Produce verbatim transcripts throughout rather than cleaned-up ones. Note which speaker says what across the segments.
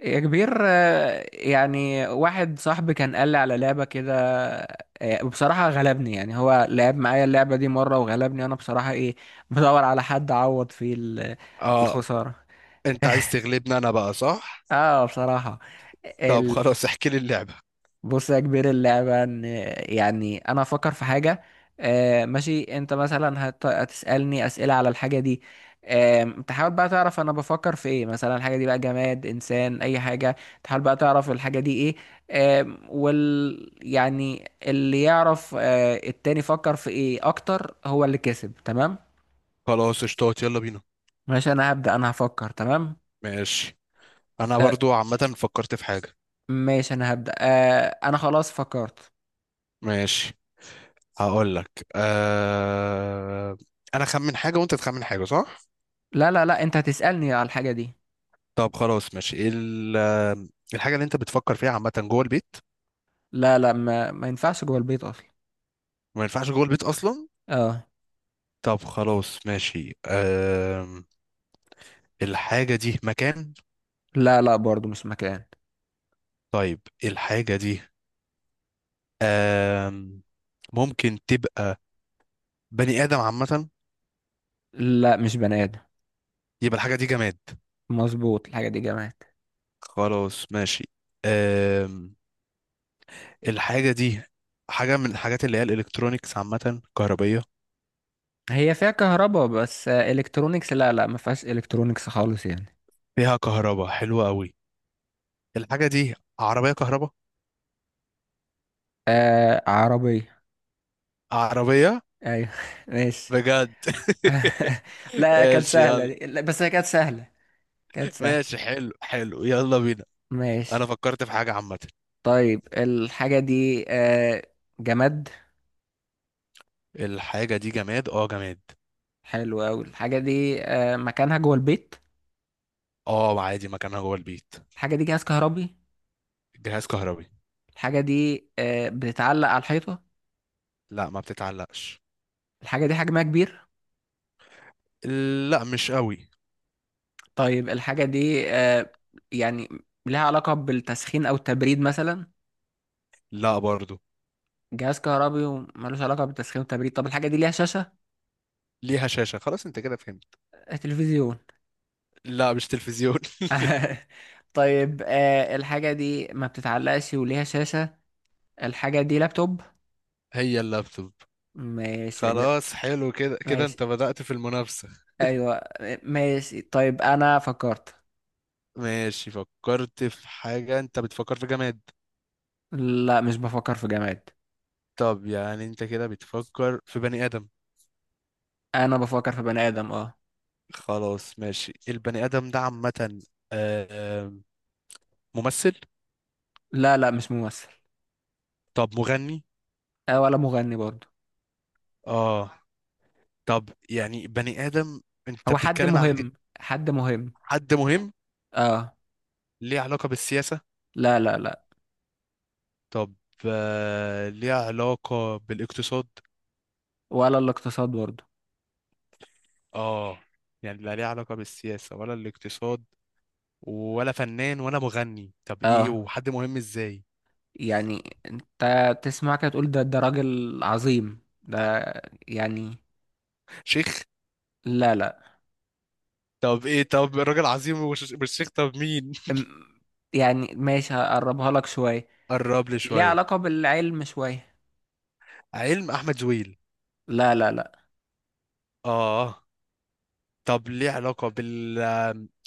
Speaker 1: يا كبير آه، يعني واحد صاحبي كان قال لي على لعبة كده. آه، بصراحة غلبني، يعني هو لعب معايا اللعبة دي مرة وغلبني أنا بصراحة، إيه، بدور على حد أعوض فيه ال-
Speaker 2: اه،
Speaker 1: الخسارة.
Speaker 2: انت عايز تغلبني انا، بقى صح؟
Speaker 1: اه، بصراحة.
Speaker 2: طب خلاص، احكي لي اللعبه.
Speaker 1: بص يا كبير، اللعبة ان يعني انا افكر في حاجة. آه ماشي، انت مثلا هت- هتسألني اسئلة على الحاجة دي. آه تحاول بقى تعرف انا بفكر في ايه، مثلا الحاجة دي بقى جماد، انسان، اي حاجة. تحاول بقى تعرف الحاجة دي ايه. آه وال يعني اللي يعرف آه التاني فكر في ايه اكتر، هو اللي كسب، تمام.
Speaker 2: خلاص اشتوت، يلا بينا.
Speaker 1: ماشي، انا هبدأ، انا هفكر، تمام.
Speaker 2: ماشي، انا
Speaker 1: آه
Speaker 2: برضو عامه فكرت في حاجه.
Speaker 1: ماشي، انا هبدأ، آه انا خلاص فكرت.
Speaker 2: ماشي، هقول لك آه... انا خمن حاجه وانت تخمن حاجه، صح؟
Speaker 1: لا لا لا، انت هتسألني على الحاجة دي.
Speaker 2: طب خلاص ماشي، ايه ال... آه، الحاجه اللي انت بتفكر فيها عامه جوه البيت؟
Speaker 1: لا لا، ما ما ينفعش جوه البيت اصلا.
Speaker 2: ما ينفعش جوه البيت اصلا.
Speaker 1: اه.
Speaker 2: طب خلاص ماشي، آه... الحاجه دي مكان؟
Speaker 1: لا لا، برضو مش مكان.
Speaker 2: طيب الحاجه دي آه... ممكن تبقى بني ادم عامه؟
Speaker 1: لا، مش بني ادم.
Speaker 2: يبقى الحاجه دي جماد.
Speaker 1: مظبوط، الحاجه دي جماد.
Speaker 2: خلاص ماشي. أم... الحاجة دي حاجة من الحاجات اللي هي الإلكترونيكس عامة، كهربية.
Speaker 1: هي فيها كهرباء بس، آه، الكترونيكس لا لا، ما فيهاش الكترونيكس خالص يعني.
Speaker 2: فيها كهرباء حلوة قوي. الحاجة دي عربية كهرباء.
Speaker 1: آه، عربيه.
Speaker 2: عربية.
Speaker 1: ايوه ماشي.
Speaker 2: بجد
Speaker 1: لا، كانت
Speaker 2: ماشي
Speaker 1: سهله
Speaker 2: يلا.
Speaker 1: دي. لا بس هي كانت سهله. كانت سهله.
Speaker 2: ماشي، حلو حلو، يلا بينا.
Speaker 1: ماشي،
Speaker 2: أنا فكرت في حاجة عامة.
Speaker 1: طيب الحاجه دي آه جماد.
Speaker 2: الحاجة دي جماد، اه جماد.
Speaker 1: حلو قوي، الحاجه دي آه مكانها جوه البيت.
Speaker 2: اه عادي، مكانها جوه البيت.
Speaker 1: الحاجه دي جهاز كهربي.
Speaker 2: جهاز كهربي.
Speaker 1: الحاجه دي آه بتتعلق على الحيطه.
Speaker 2: لا ما بتتعلقش.
Speaker 1: الحاجة دي حجمها كبير.
Speaker 2: لا مش قوي.
Speaker 1: طيب الحاجة دي آه يعني لها علاقة بالتسخين أو التبريد مثلا.
Speaker 2: لا برضو.
Speaker 1: جهاز كهربي وملوش علاقة بالتسخين والتبريد، طب الحاجة دي ليها شاشة.
Speaker 2: ليها شاشة، خلاص انت كده فهمت.
Speaker 1: آه، تلفزيون.
Speaker 2: لا مش تلفزيون
Speaker 1: طيب آه الحاجة دي ما بتتعلقش وليها شاشة، الحاجة دي لابتوب.
Speaker 2: هي اللابتوب.
Speaker 1: ماشي يا كبير.
Speaker 2: خلاص حلو كده، كده
Speaker 1: ماشي.
Speaker 2: انت بدأت في المنافسة.
Speaker 1: أيوة. ماشي طيب، أنا فكرت.
Speaker 2: ماشي، فكرت في حاجة، انت بتفكر في جماد.
Speaker 1: لا، مش بفكر في جماد.
Speaker 2: طب يعني انت كده بتفكر في بني آدم.
Speaker 1: أنا بفكر في بني آدم، اه.
Speaker 2: خلاص ماشي، البني آدم ده عامة آه، آه، ممثل؟
Speaker 1: لا لا، مش ممثل.
Speaker 2: طب مغني؟
Speaker 1: آه، ولا مغني برضه.
Speaker 2: اه. طب يعني بني آدم، انت
Speaker 1: هو حد
Speaker 2: بتتكلم على ج-
Speaker 1: مهم. حد مهم.
Speaker 2: حد مهم؟
Speaker 1: اه.
Speaker 2: ليه علاقة بالسياسة؟
Speaker 1: لا لا لا.
Speaker 2: طب آه، ليه علاقة بالاقتصاد؟
Speaker 1: ولا الاقتصاد برضه.
Speaker 2: اه. يعني لا ليه علاقة بالسياسة ولا الاقتصاد، ولا فنان ولا مغني، طب ايه؟
Speaker 1: اه.
Speaker 2: وحد مهم ازاي؟
Speaker 1: يعني انت تسمع كده تقول ده ده راجل عظيم ده، يعني.
Speaker 2: شيخ؟
Speaker 1: لا لا.
Speaker 2: طب ايه؟ طب الراجل عظيم وش- مش شيخ، طب مين
Speaker 1: أم- يعني ماشي، هقربها لك شوية.
Speaker 2: قرب لي
Speaker 1: ليه
Speaker 2: شويه.
Speaker 1: علاقة بالعلم شوية.
Speaker 2: علم، احمد زويل.
Speaker 1: لا لا لا.
Speaker 2: اه. طب ليه علاقه بال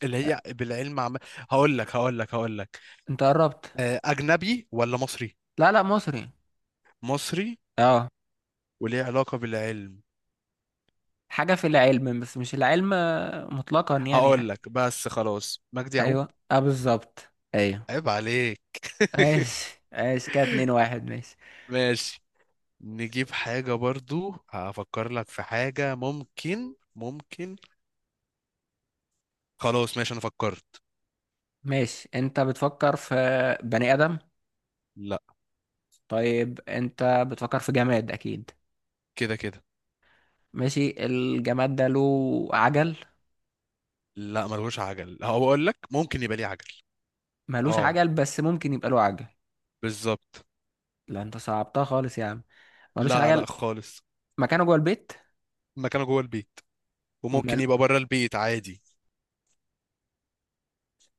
Speaker 2: اللي هي بالعلم عم... هقول لك هقول لك هقول لك.
Speaker 1: انت قربت.
Speaker 2: آه، اجنبي ولا مصري؟
Speaker 1: لا لا، مصري.
Speaker 2: مصري.
Speaker 1: اه.
Speaker 2: وليه علاقه بالعلم.
Speaker 1: حاجة في العلم بس مش العلم مطلقا، يعني ح-
Speaker 2: هقول لك بس خلاص، مجدي يعقوب.
Speaker 1: ايوه اه بالظبط. ايوه.
Speaker 2: عيب عليك
Speaker 1: ماشي ماشي، كده اتنين واحد، ماشي.
Speaker 2: ماشي. نجيب حاجة برضو، هفكر لك في حاجة، ممكن ممكن. خلاص ماشي، انا فكرت.
Speaker 1: ماشي، انت بتفكر في بني آدم.
Speaker 2: لا
Speaker 1: طيب انت بتفكر في جماد اكيد.
Speaker 2: كده كده.
Speaker 1: ماشي، الجماد ده له عجل.
Speaker 2: لا ملهوش عجل، هو اقول لك ممكن يبقى ليه عجل.
Speaker 1: ملوش
Speaker 2: اه
Speaker 1: عجل بس ممكن يبقى له عجل.
Speaker 2: بالظبط.
Speaker 1: لا، انت صعبتها خالص يا عم. ملوش
Speaker 2: لا
Speaker 1: عجل.
Speaker 2: لا خالص.
Speaker 1: مكانه جوه البيت.
Speaker 2: مكانه جوه البيت، وممكن
Speaker 1: ومال.
Speaker 2: يبقى بره البيت عادي.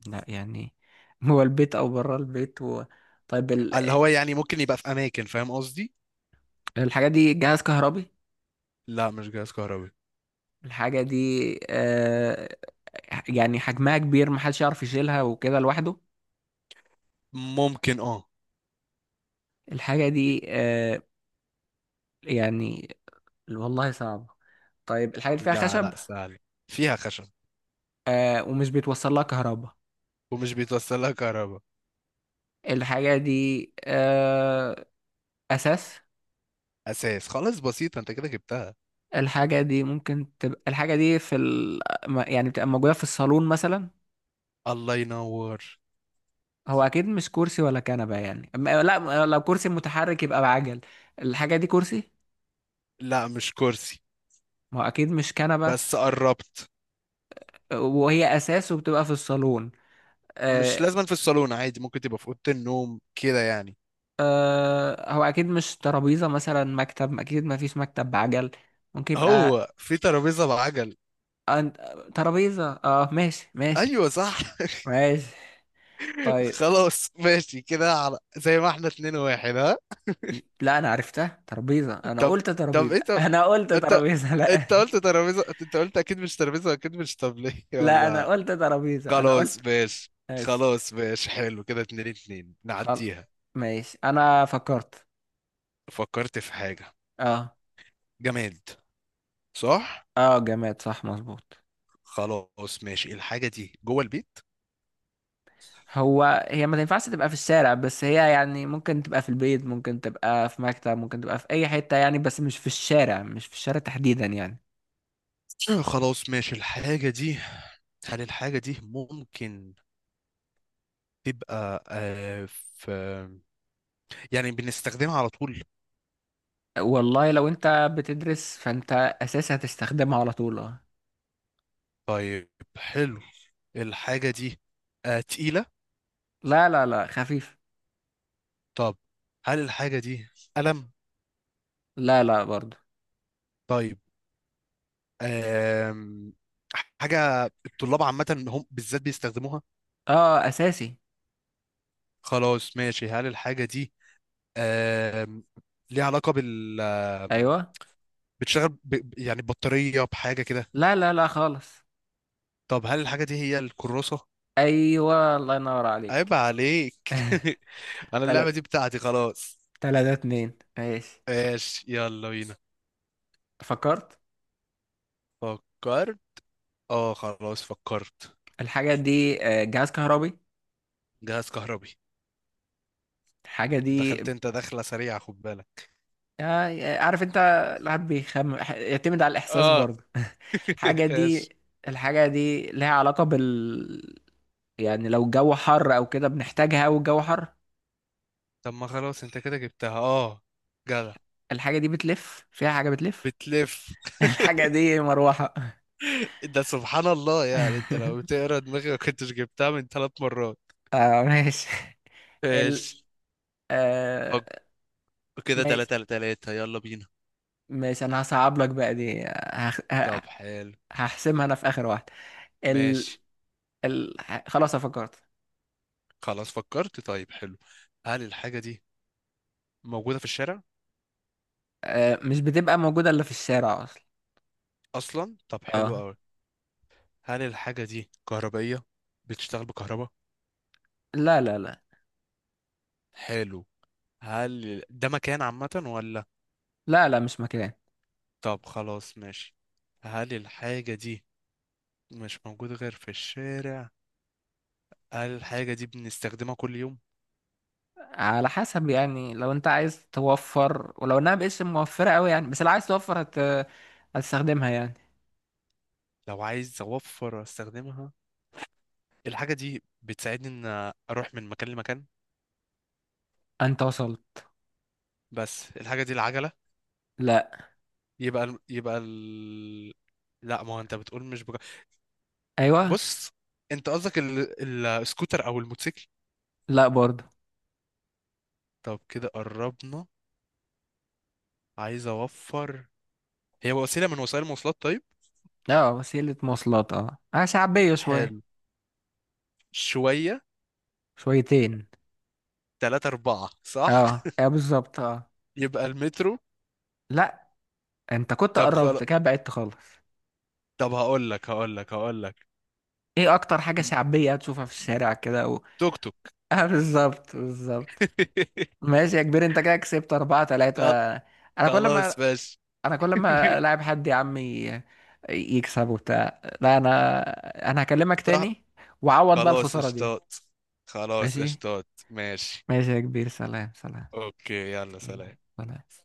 Speaker 1: لا يعني جوه البيت او بره البيت و... طيب ال...
Speaker 2: اللي هو يعني ممكن يبقى في اماكن، فاهم قصدي.
Speaker 1: الحاجة دي جهاز كهربي.
Speaker 2: لا مش جهاز كهربي.
Speaker 1: الحاجة دي آه... يعني حجمها كبير، محدش يعرف يشيلها وكده لوحده.
Speaker 2: ممكن اه.
Speaker 1: الحاجة دي آه... يعني، والله صعبة. طيب الحاجة دي فيها
Speaker 2: لا
Speaker 1: خشب.
Speaker 2: لا سهل. فيها خشب.
Speaker 1: آه، ومش بيتوصل لها كهرباء.
Speaker 2: ومش بيتوصل لها كهرباء.
Speaker 1: الحاجة دي آه، أساس.
Speaker 2: اساس، خلاص بسيطه انت كده جبتها.
Speaker 1: الحاجة دي ممكن تبقى، الحاجة دي في ال... ما- يعني بتبقى موجودة في الصالون مثلا.
Speaker 2: الله ينور.
Speaker 1: هو أكيد مش كرسي ولا كنبة، يعني م- لا، لو كرسي متحرك يبقى بعجل. الحاجة دي كرسي.
Speaker 2: لا مش كرسي.
Speaker 1: ما هو أكيد مش كنبة.
Speaker 2: بس قربت.
Speaker 1: وهي أساس وبتبقى في الصالون،
Speaker 2: مش
Speaker 1: آه،
Speaker 2: لازم في الصالون، عادي ممكن تبقى في اوضه النوم كده يعني.
Speaker 1: آه، هو أكيد مش ترابيزة، مثلا مكتب، أكيد ما فيش مكتب بعجل. ممكن يبقى
Speaker 2: هو في ترابيزة بعجل؟
Speaker 1: أن- ترابيزة، اه ماشي ماشي.
Speaker 2: ايوه صح
Speaker 1: ماشي. طيب.
Speaker 2: خلاص ماشي كده، على زي ما احنا اتنين واحد، ها؟
Speaker 1: لا، انا عرفتها ترابيزه، انا
Speaker 2: طب
Speaker 1: قلت
Speaker 2: طب
Speaker 1: ترابيزه
Speaker 2: ايه؟ طب
Speaker 1: انا قلت
Speaker 2: انت
Speaker 1: ترابيزه، لا.
Speaker 2: انت قلت ترابيزة، انت قلت اكيد مش ترابيزة، اكيد مش طبلية
Speaker 1: لا، انا
Speaker 2: ولا؟
Speaker 1: قلت ترابيزه، انا
Speaker 2: خلاص
Speaker 1: قلت.
Speaker 2: ماشي.
Speaker 1: ماشي.
Speaker 2: خلاص ماشي حلو كده، اتنين اتنين،
Speaker 1: خل
Speaker 2: نعديها.
Speaker 1: ماشي، انا فكرت.
Speaker 2: فكرت في حاجة.
Speaker 1: اه.
Speaker 2: جماد، صح.
Speaker 1: اه جماد، صح مظبوط.
Speaker 2: خلاص ماشي، الحاجة دي جوه البيت.
Speaker 1: هو هي ما تنفعش تبقى في الشارع، بس هي يعني ممكن تبقى في البيت، ممكن تبقى في مكتب، ممكن تبقى في اي حته يعني، بس مش في الشارع، مش في الشارع تحديدا يعني.
Speaker 2: آه، خلاص ماشي، الحاجة دي، هل الحاجة دي ممكن تبقى آه، في يعني بنستخدمها على طول؟
Speaker 1: والله، لو انت بتدرس فانت اساسي هتستخدمها على طول، اه.
Speaker 2: طيب حلو. الحاجة دي آه تقيلة؟
Speaker 1: لا لا لا، خفيف.
Speaker 2: طب هل الحاجة دي قلم؟
Speaker 1: لا لا، برضو.
Speaker 2: طيب. آم حاجة الطلاب عامة، هم بالذات بيستخدموها.
Speaker 1: اه اساسي.
Speaker 2: خلاص ماشي، هل الحاجة دي آم ليها علاقة بال آم،
Speaker 1: ايوه.
Speaker 2: بتشتغل ب... ب- يعني بطارية، بحاجة كده؟
Speaker 1: لا لا لا، خالص.
Speaker 2: طب هل الحاجة دي هي الكراسة؟
Speaker 1: ايوه، الله ينور
Speaker 2: عيب
Speaker 1: عليك.
Speaker 2: عليك انا اللعبة دي
Speaker 1: تلات
Speaker 2: بتاعتي خلاص.
Speaker 1: تلاتة اتنين، ماشي.
Speaker 2: ماشي يلا بينا.
Speaker 1: فكرت.
Speaker 2: فكر. اه خلاص فكرت.
Speaker 1: الحاجة دي آه، جهاز كهربي.
Speaker 2: جهاز كهربي.
Speaker 1: الحاجة دي
Speaker 2: دخلت، انت دخلة سريعة، خد بالك.
Speaker 1: آه، عارف انت، الواحد بيخم ح- يعتمد على الإحساس
Speaker 2: اه.
Speaker 1: برضه. الحاجة دي،
Speaker 2: ايش.
Speaker 1: الحاجة دي لها علاقة بال، يعني لو الجو حر أو كده بنحتاجها، والجو حر.
Speaker 2: طب ما خلاص انت كده جبتها، اه جدع.
Speaker 1: الحاجة دي بتلف، فيها حاجة بتلف.
Speaker 2: بتلف.
Speaker 1: الحاجة دي مروحة.
Speaker 2: ده سبحان الله، يعني انت لو بتقرا دماغي ما كنتش جبتها من ثلاث مرات.
Speaker 1: اه ماشي. ال
Speaker 2: ايش.
Speaker 1: آه
Speaker 2: فك. كده
Speaker 1: ماشي
Speaker 2: تلاتة لتلاتة، يلا بينا.
Speaker 1: ماشي، انا هصعب لك بقى دي هخ... ه-
Speaker 2: طب حلو.
Speaker 1: هحسمها انا في اخر واحده. ال...
Speaker 2: ماشي.
Speaker 1: ال... خلاص أنا فكرت.
Speaker 2: خلاص فكرت، طيب حلو. هل الحاجة دي موجودة في الشارع؟
Speaker 1: آه، مش بتبقى موجوده الا في الشارع اصلا.
Speaker 2: أصلا. طب حلو
Speaker 1: اه.
Speaker 2: أوي. هل الحاجة دي كهربائية، بتشتغل بكهرباء؟
Speaker 1: لا لا لا.
Speaker 2: حلو. هل ده مكان عامة ولا؟
Speaker 1: لا لا، مش مكان.
Speaker 2: طب خلاص ماشي، هل الحاجة دي مش موجودة غير في الشارع؟ هل الحاجة دي بنستخدمها كل يوم؟
Speaker 1: على حسب يعني، لو انت عايز توفر، ولو انها مبقتش موفره قوي يعني، بس لو عايز توفر هت... هتستخدمها يعني.
Speaker 2: لو عايز أوفر أستخدمها. الحاجة دي بتساعدني إن أروح من مكان لمكان.
Speaker 1: انت وصلت.
Speaker 2: بس الحاجة دي العجلة؟
Speaker 1: لا.
Speaker 2: يبقى ال... يبقى ال... لا، ما هو أنت بتقول مش بجا...
Speaker 1: ايوه.
Speaker 2: بص، أنت قصدك ال... السكوتر أو الموتوسيكل؟
Speaker 1: لا برضه.
Speaker 2: طب كده قربنا. عايز أوفر. هي وسيلة من وسائل المواصلات، طيب.
Speaker 1: اه وسيله مواصلات، اه آه، شعبيه شويه.
Speaker 2: حلو. شوية.
Speaker 1: شويتين.
Speaker 2: تلاتة أربعة، صح؟
Speaker 1: اه اه، بالظبط اه.
Speaker 2: يبقى المترو؟
Speaker 1: لا، انت كنت
Speaker 2: طب
Speaker 1: قربت
Speaker 2: خلاص.
Speaker 1: كده بعدت خالص.
Speaker 2: طب هقول لك هقول لك هقول لك.
Speaker 1: ايه اكتر حاجة شعبية هتشوفها في الشارع كده و...
Speaker 2: توك توك
Speaker 1: اه، بالظبط بالظبط. ماشي يا كبير، انت كده كسبت اربعة تلاتة.
Speaker 2: خل-
Speaker 1: انا كل
Speaker 2: خلاص
Speaker 1: ما
Speaker 2: ماشي.
Speaker 1: انا كل ما لاعب حد يا عمي يكسب وبتاع، لا انا، انا هكلمك
Speaker 2: صح.
Speaker 1: تاني. وعوض بقى
Speaker 2: خلاص
Speaker 1: الخسارة دي.
Speaker 2: اشتاط، خلاص
Speaker 1: ماشي.
Speaker 2: اشتاط، ماشي.
Speaker 1: ماشي يا كبير، سلام سلام.
Speaker 2: اوكي، يلا سلام.
Speaker 1: سلام.